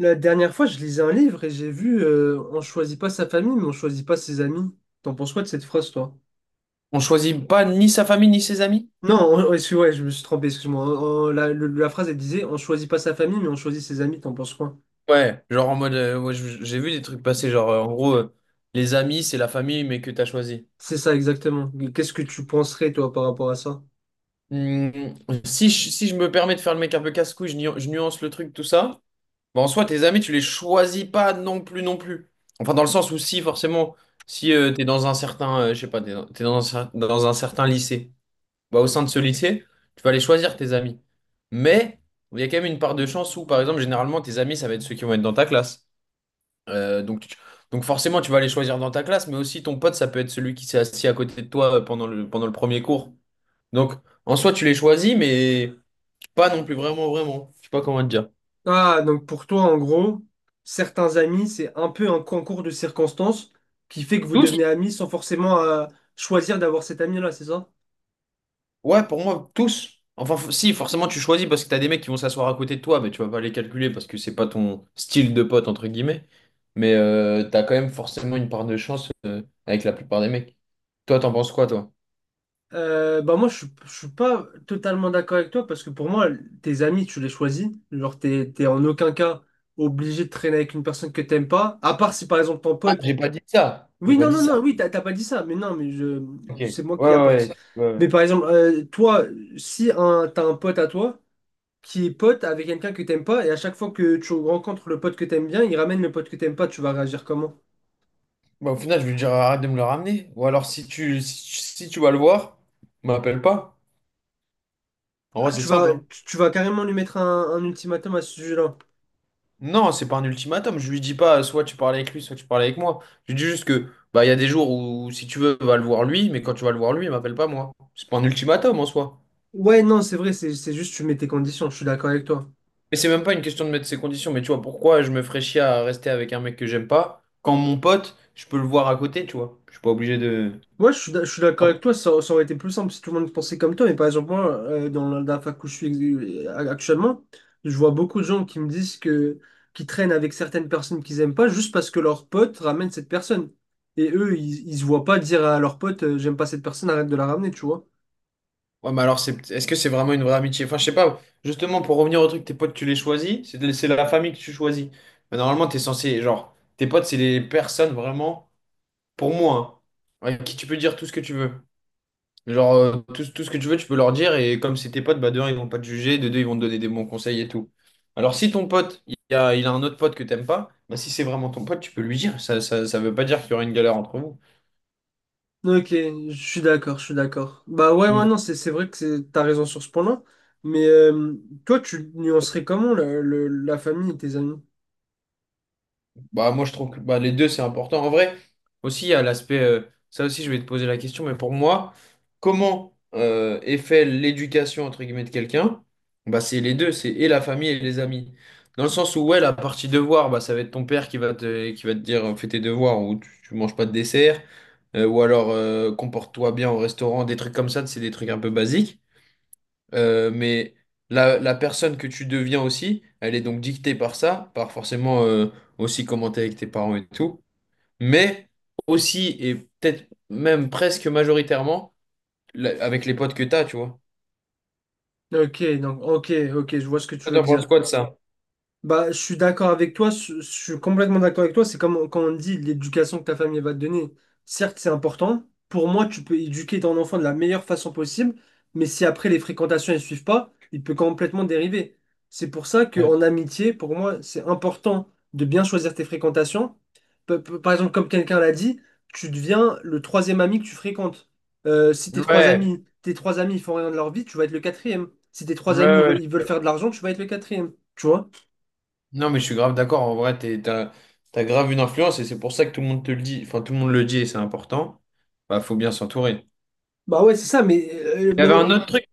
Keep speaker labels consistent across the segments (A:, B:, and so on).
A: La dernière fois, je lisais un livre et j'ai vu on choisit pas sa famille, mais on choisit pas ses amis. T'en penses quoi de cette phrase, toi?
B: On choisit pas ni sa famille ni ses amis?
A: Non, excuse, ouais, je me suis trompé, excuse-moi. La phrase, elle disait on choisit pas sa famille, mais on choisit ses amis. T'en penses quoi?
B: Ouais, genre en mode, moi, j'ai vu des trucs passer, genre en gros, les amis, c'est la famille, mais que t'as choisi.
A: C'est ça, exactement. Mais qu'est-ce que tu penserais, toi, par rapport à ça?
B: Hmm, si je me permets de faire le mec un peu casse-couille, je nuance le truc, tout ça. Bah, en soi, tes amis, tu les choisis pas non plus, non plus. Enfin, dans le sens où si, forcément, si t'es dans un certain, je sais pas, t'es dans un, cer- dans un certain lycée, bah, au sein de ce lycée, tu vas aller choisir tes amis. Mais il y a quand même une part de chance où, par exemple, généralement, tes amis, ça va être ceux qui vont être dans ta classe. Euh, donc, tu- donc, forcément, tu vas les choisir dans ta classe, mais aussi ton pote, ça peut être celui qui s'est assis à côté de toi pendant le premier cours. Donc, en soi, tu les choisis, mais pas non plus vraiment, vraiment. Je sais pas comment te dire.
A: Ah, donc pour toi, en gros, certains amis, c'est un peu un concours de circonstances qui fait que vous
B: Tous?
A: devenez amis sans forcément choisir d'avoir cet ami-là, c'est ça?
B: Ouais, pour moi, tous. Enfin, si, forcément, tu choisis parce que t'as des mecs qui vont s'asseoir à côté de toi, mais tu vas pas les calculer parce que c'est pas ton style de pote, entre guillemets. Mais t'as quand même forcément une part de chance avec la plupart des mecs. Toi, t'en penses quoi, toi?
A: Bah moi je, je suis pas totalement d'accord avec toi, parce que pour moi tes amis tu les choisis, genre t'es en aucun cas obligé de traîner avec une personne que t'aimes pas, à part si par exemple ton
B: Ah,
A: pote.
B: j'ai pas dit ça. J'ai
A: Oui,
B: pas
A: non
B: dit
A: non
B: ça.
A: non, oui, t'as pas dit ça, mais non, mais je
B: Ok. Ouais,
A: c'est moi qui
B: ouais, ouais.
A: apporte.
B: Ouais, ouais.
A: Mais par exemple, toi, si un t'as un pote à toi qui est pote avec quelqu'un que t'aimes pas, et à chaque fois que tu rencontres le pote que t'aimes bien, il ramène le pote que t'aimes pas, tu vas réagir comment?
B: Bah, au final, je vais lui dire arrête de me le ramener. Ou alors, si tu vas le voir, m'appelle pas. En
A: Ah,
B: vrai, c'est simple. Hein.
A: tu vas carrément lui mettre un ultimatum à ce sujet-là.
B: Non, c'est pas un ultimatum. Je lui dis pas soit tu parles avec lui, soit tu parles avec moi. Je lui dis juste que bah, il y a des jours où, si tu veux, va le voir lui, mais quand tu vas le voir lui, il m'appelle pas moi. C'est pas un ultimatum en soi.
A: Ouais, non, c'est vrai, c'est juste tu mets tes conditions, je suis d'accord avec toi.
B: Et c'est même pas une question de mettre ses conditions, mais tu vois, pourquoi je me ferais chier à rester avec un mec que j'aime pas quand mon pote, je peux le voir à côté, tu vois. Je suis pas obligé de.
A: Moi, je suis d'accord avec toi, ça aurait été plus simple si tout le monde pensait comme toi, mais par exemple, moi, dans dans la fac où je suis actuellement, je vois beaucoup de gens qui me disent que qui traînent avec certaines personnes qu'ils aiment pas juste parce que leurs potes ramènent cette personne. Et eux, ils se voient pas dire à leurs potes, j'aime pas cette personne, arrête de la ramener, tu vois.
B: Ouais, mais alors, c'est, est-ce que c'est vraiment une vraie amitié? Enfin, je sais pas. Justement, pour revenir au truc, tes potes, tu les choisis. C'est la famille que tu choisis. Mais normalement, t'es censé, genre, tes potes, c'est les personnes vraiment, pour moi, hein, avec qui tu peux dire tout ce que tu veux. Genre, tout ce que tu veux, tu peux leur dire. Et comme c'est tes potes, bah, de un, ils vont pas te juger. De deux, ils vont te donner des bons conseils et tout. Alors, si ton pote, il a un autre pote que t'aimes pas, bah, si c'est vraiment ton pote, tu peux lui dire. Ça veut pas dire qu'il y aura une galère entre
A: Ok, je suis d'accord, je suis d'accord. Bah ouais, ouais,
B: vous.
A: non, c'est vrai que t'as raison sur ce point-là, mais toi, tu nuancerais comment la famille et tes amis?
B: Bah, moi, je trouve que bah, les deux, c'est important. En vrai, aussi, il y a l'aspect, ça aussi, je vais te poser la question, mais pour moi, comment est fait l'éducation, entre guillemets, de quelqu'un? Bah, c'est les deux, c'est et la famille et les amis. Dans le sens où, ouais, la partie devoir, bah, ça va être ton père qui va te, dire, fais tes devoirs, ou tu manges pas de dessert, ou alors, comporte-toi bien au restaurant, des trucs comme ça, c'est des trucs un peu basiques. Mais la personne que tu deviens aussi, elle est donc dictée par ça, par forcément aussi comment t'es avec tes parents et tout, mais aussi et peut-être même presque majoritairement avec les potes que t'as, tu vois.
A: Ok, donc ok, ok, je vois ce que tu
B: Toi,
A: veux
B: t'en penses
A: dire.
B: quoi de ça?
A: Bah, je suis d'accord avec toi, je suis complètement d'accord avec toi. C'est comme quand on dit l'éducation que ta famille va te donner. Certes, c'est important. Pour moi, tu peux éduquer ton enfant de la meilleure façon possible, mais si après les fréquentations ne suivent pas, il peut complètement dériver. C'est pour ça
B: Ouais.
A: qu'en amitié, pour moi, c'est important de bien choisir tes fréquentations. Par exemple, comme quelqu'un l'a dit, tu deviens le troisième ami que tu fréquentes. Si tes trois
B: Ouais,
A: amis, tes trois amis ils font rien de leur vie, tu vas être le quatrième. Si tes
B: ouais,
A: trois amis
B: ouais.
A: ils veulent faire de l'argent, tu vas être le quatrième. Tu vois?
B: Non, mais je suis grave d'accord. En vrai, t'as grave une influence et c'est pour ça que tout le monde te le dit. Enfin, tout le monde le dit et c'est important. Bah, faut bien s'entourer.
A: Bah ouais, c'est ça, mais… euh,
B: Il y
A: ben-
B: avait un
A: euh,
B: autre truc.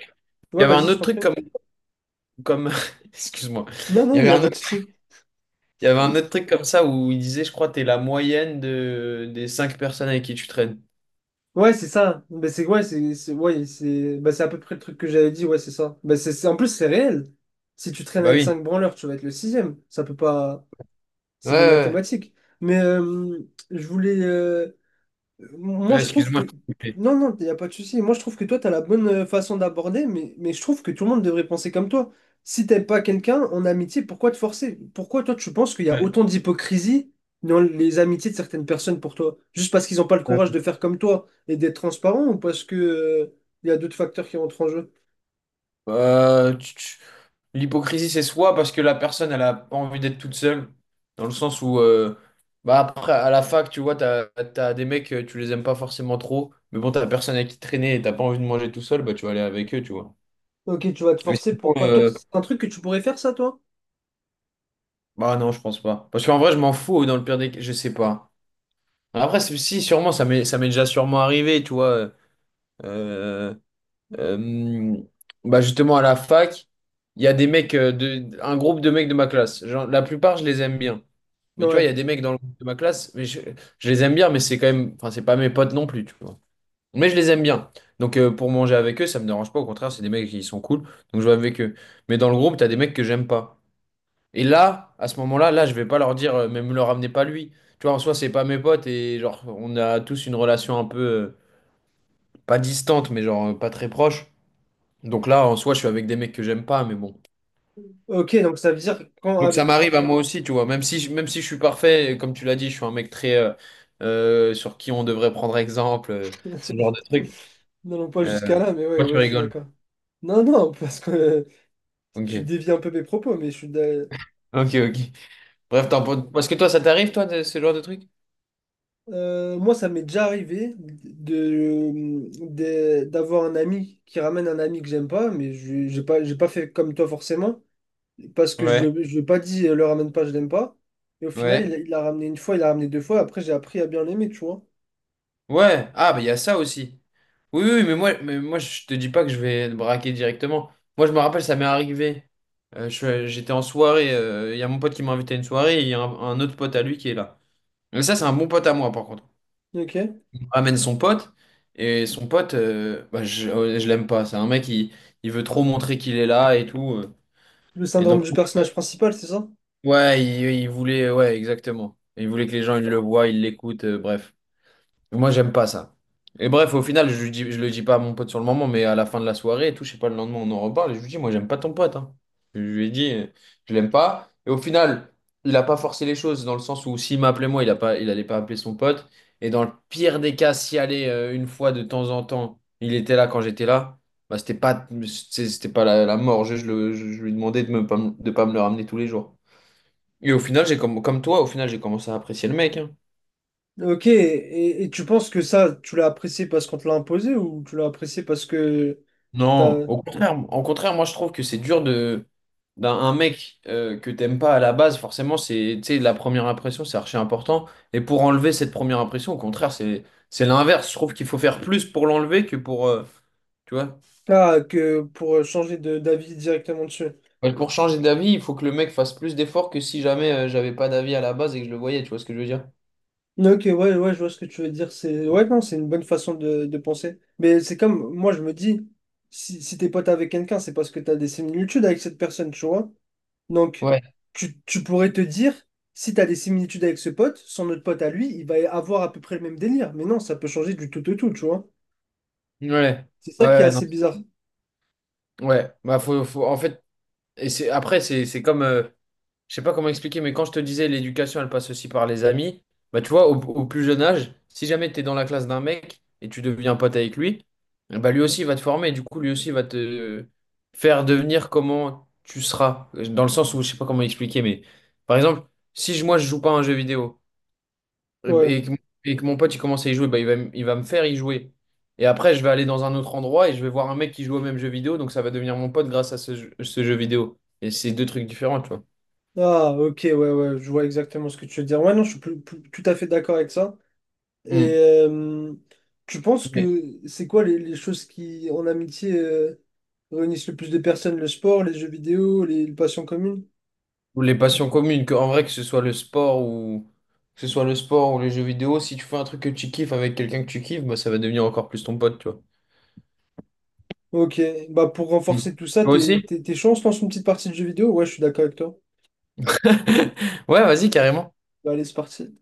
B: Il
A: ouais,
B: y avait un
A: vas-y, je
B: autre
A: t'en prie.
B: truc comme, excuse-moi.
A: Non,
B: Il
A: non,
B: y
A: il
B: avait
A: n'y a
B: un
A: pas de souci.
B: Il y avait un autre truc comme ça où il disait, je crois, t'es la moyenne des cinq personnes avec qui tu traînes.
A: Ouais, c'est ça. Bah, c'est ouais, ouais, c'est bah, c'est à peu près le truc que j'avais dit, ouais, c'est ça. Bah, en plus, c'est réel. Si tu traînes
B: Bah
A: avec
B: oui.
A: 5 branleurs, tu vas être le sixième. Ça peut pas…
B: Ouais,
A: C'est des
B: ouais.
A: mathématiques. Mais je voulais… moi,
B: Ouais,
A: je trouve
B: excuse-moi, je
A: que…
B: t'ai coupé.
A: Non, non, il n'y a pas de souci. Moi, je trouve que toi, tu as la bonne façon d'aborder, mais… mais je trouve que tout le monde devrait penser comme toi. Si t'aimes pas quelqu'un en amitié, pourquoi te forcer? Pourquoi toi, tu penses qu'il y a
B: Ouais.
A: autant d'hypocrisie dans les amitiés de certaines personnes pour toi? Juste parce qu'ils n'ont pas le courage de faire comme toi et d'être transparent, ou parce que, il y a d'autres facteurs qui rentrent en jeu?
B: Euh, tu- tu- L'hypocrisie, c'est soit parce que la personne, elle a pas envie d'être toute seule, dans le sens où, bah après, à la fac, tu vois, t'as des mecs, tu les aimes pas forcément trop, mais bon, t'as personne avec qui traîner et t'as pas envie de manger tout seul, bah tu vas aller avec eux, tu vois.
A: Ok, tu vas te
B: Mais
A: forcer
B: sinon,
A: pour pas… Toi, c'est un truc que tu pourrais faire, ça, toi?
B: bah non, je pense pas. Parce qu'en vrai, je m'en fous, dans le pire des cas, je sais pas. Après, si, sûrement, ça m'est déjà sûrement arrivé, tu vois. Euh, euh, mm, Bah justement, à la fac, il y a des mecs, un groupe de mecs de ma classe. Genre, la plupart, je les aime bien. Mais tu vois,
A: Ouais.
B: il y a des mecs dans le groupe de ma classe, mais je les aime bien, mais c'est quand même, enfin, c'est pas mes potes non plus, tu vois. Mais je les aime bien. Donc, pour manger avec eux, ça me dérange pas. Au contraire, c'est des mecs qui sont cool, donc je vais avec eux. Mais dans le groupe, t'as des mecs que j'aime pas. Et là, à ce moment-là, là, je vais pas leur dire, mais me le ramenez pas lui. Tu vois, en soi, c'est pas mes potes et genre, on a tous une relation un peu, pas distante, mais genre, pas très proche. Donc là, en soi, je suis avec des mecs que j'aime pas, mais bon.
A: Ok, donc ça veut dire quand
B: Donc ça
A: avec…
B: m'arrive à moi aussi, tu vois. Même si, même si je suis parfait, comme tu l'as dit, je suis un mec très, sur qui on devrait prendre exemple, ce genre de truc.
A: Non, non, pas jusqu'à
B: Euh,
A: là, mais ouais,
B: Pourquoi tu
A: ouais, je suis
B: rigoles?
A: d'accord. Non, non, parce que… Tu
B: Ok.
A: dévies un peu mes propos, mais je suis.
B: Ok, ok. Bref, parce que toi, ça t'arrive, toi, de ce genre de truc?
A: Moi, ça m'est déjà arrivé de, d'avoir un ami qui ramène un ami que j'aime pas, mais je j'ai pas fait comme toi forcément, parce que
B: Ouais.
A: je lui ai pas dit le ramène pas, je l'aime pas. Et au final,
B: Ouais.
A: il l'a ramené une fois, il l'a ramené deux fois, après j'ai appris à bien l'aimer, tu vois.
B: Ouais, ah bah il y a ça aussi. Oui, oui, mais moi je te dis pas que je vais te braquer directement. Moi je me rappelle, ça m'est arrivé. J'étais en soirée, il y a mon pote qui m'a invité à une soirée, et il y a un autre pote à lui qui est là. Mais ça c'est un bon pote à moi par contre.
A: Ok.
B: On ramène son pote, et son pote, bah, je l'aime pas. C'est un mec il veut trop montrer qu'il est là et tout.
A: Le
B: Et
A: syndrome
B: donc,
A: du personnage principal, c'est ça?
B: ouais, il voulait, ouais, exactement. Il voulait que les gens ils le voient, ils l'écoutent, bref. Moi, j'aime pas ça. Et bref, au final, je lui dis, je le dis pas à mon pote sur le moment, mais à la fin de la soirée et tout, je sais pas, le lendemain, on en reparle. Et je lui dis, moi, j'aime pas ton pote. Hein. Je lui ai dit, je l'aime pas. Et au final, il a pas forcé les choses dans le sens où s'il m'appelait moi, il a pas, il allait pas appeler son pote. Et dans le pire des cas, s'il allait une fois de temps en temps, il était là quand j'étais là, bah, c'était pas la mort. Je lui demandais de pas me le ramener tous les jours. Et au final, j'ai comme toi, au final, j'ai commencé à apprécier le mec. Hein.
A: Ok, et tu penses que ça, tu l'as apprécié parce qu'on te l'a imposé, ou tu l'as apprécié parce que
B: Non,
A: t'as.
B: au contraire, moi je trouve que c'est dur de d'un un mec que t'aimes pas à la base, forcément, c'est tu sais, la première impression, c'est archi important. Et pour enlever cette première impression, au contraire, c'est l'inverse. Je trouve qu'il faut faire plus pour l'enlever que pour tu vois.
A: Ah, que pour changer de d'avis directement dessus.
B: Ouais, pour changer d'avis, il faut que le mec fasse plus d'efforts que si jamais j'avais pas d'avis à la base et que je le voyais, tu vois ce que je veux dire?
A: Ok, ouais, ouais, je vois ce que tu veux dire. C'est, ouais, non, c'est une bonne façon de penser. Mais c'est comme, moi, je me dis, si t'es pote avec quelqu'un, c'est parce que t'as des similitudes avec cette personne, tu vois. Donc,
B: Ouais,
A: tu pourrais te dire, si t'as des similitudes avec ce pote, son autre pote à lui, il va avoir à peu près le même délire. Mais non, ça peut changer du tout au tout, tu vois.
B: ouais,
A: C'est ça qui est
B: ouais, non.
A: assez bizarre.
B: Ouais, bah en fait, et c'est après c'est comme je sais pas comment expliquer, mais quand je te disais l'éducation, elle passe aussi par les amis, bah tu vois, au plus jeune âge, si jamais tu es dans la classe d'un mec et tu deviens pote avec lui, bah lui aussi va te former, du coup lui aussi va te faire devenir comment tu seras, dans le sens où je sais pas comment expliquer, mais par exemple, si je- moi je joue pas à un jeu vidéo et, bah-
A: Ouais.
B: et que, et que mon pote il commence à y jouer, bah il va me faire y jouer. Et après, je vais aller dans un autre endroit et je vais voir un mec qui joue au même jeu vidéo, donc ça va devenir mon pote grâce à ce jeu vidéo. Et c'est deux trucs différents, tu vois.
A: Ah, ok, ouais, ouais, je vois exactement ce que tu veux dire. Ouais, non, je suis tout à fait d'accord avec ça. Et euh, tu penses
B: Hmm.
A: que c'est quoi les choses qui, en amitié, réunissent le plus de personnes? Le sport, les jeux vidéo, les passions communes?
B: Ou les passions communes, que, en vrai, que ce soit le sport ou les jeux vidéo, si tu fais un truc que tu kiffes avec quelqu'un que tu kiffes, bah, ça va devenir encore plus ton pote, tu vois.
A: Ok, bah pour
B: Mm.
A: renforcer tout ça,
B: Toi aussi?
A: t'es chaud, on se lance une petite partie de jeux vidéo? Ouais, je suis d'accord avec toi.
B: Ouais, vas-y, carrément.
A: Bah, allez, c'est parti.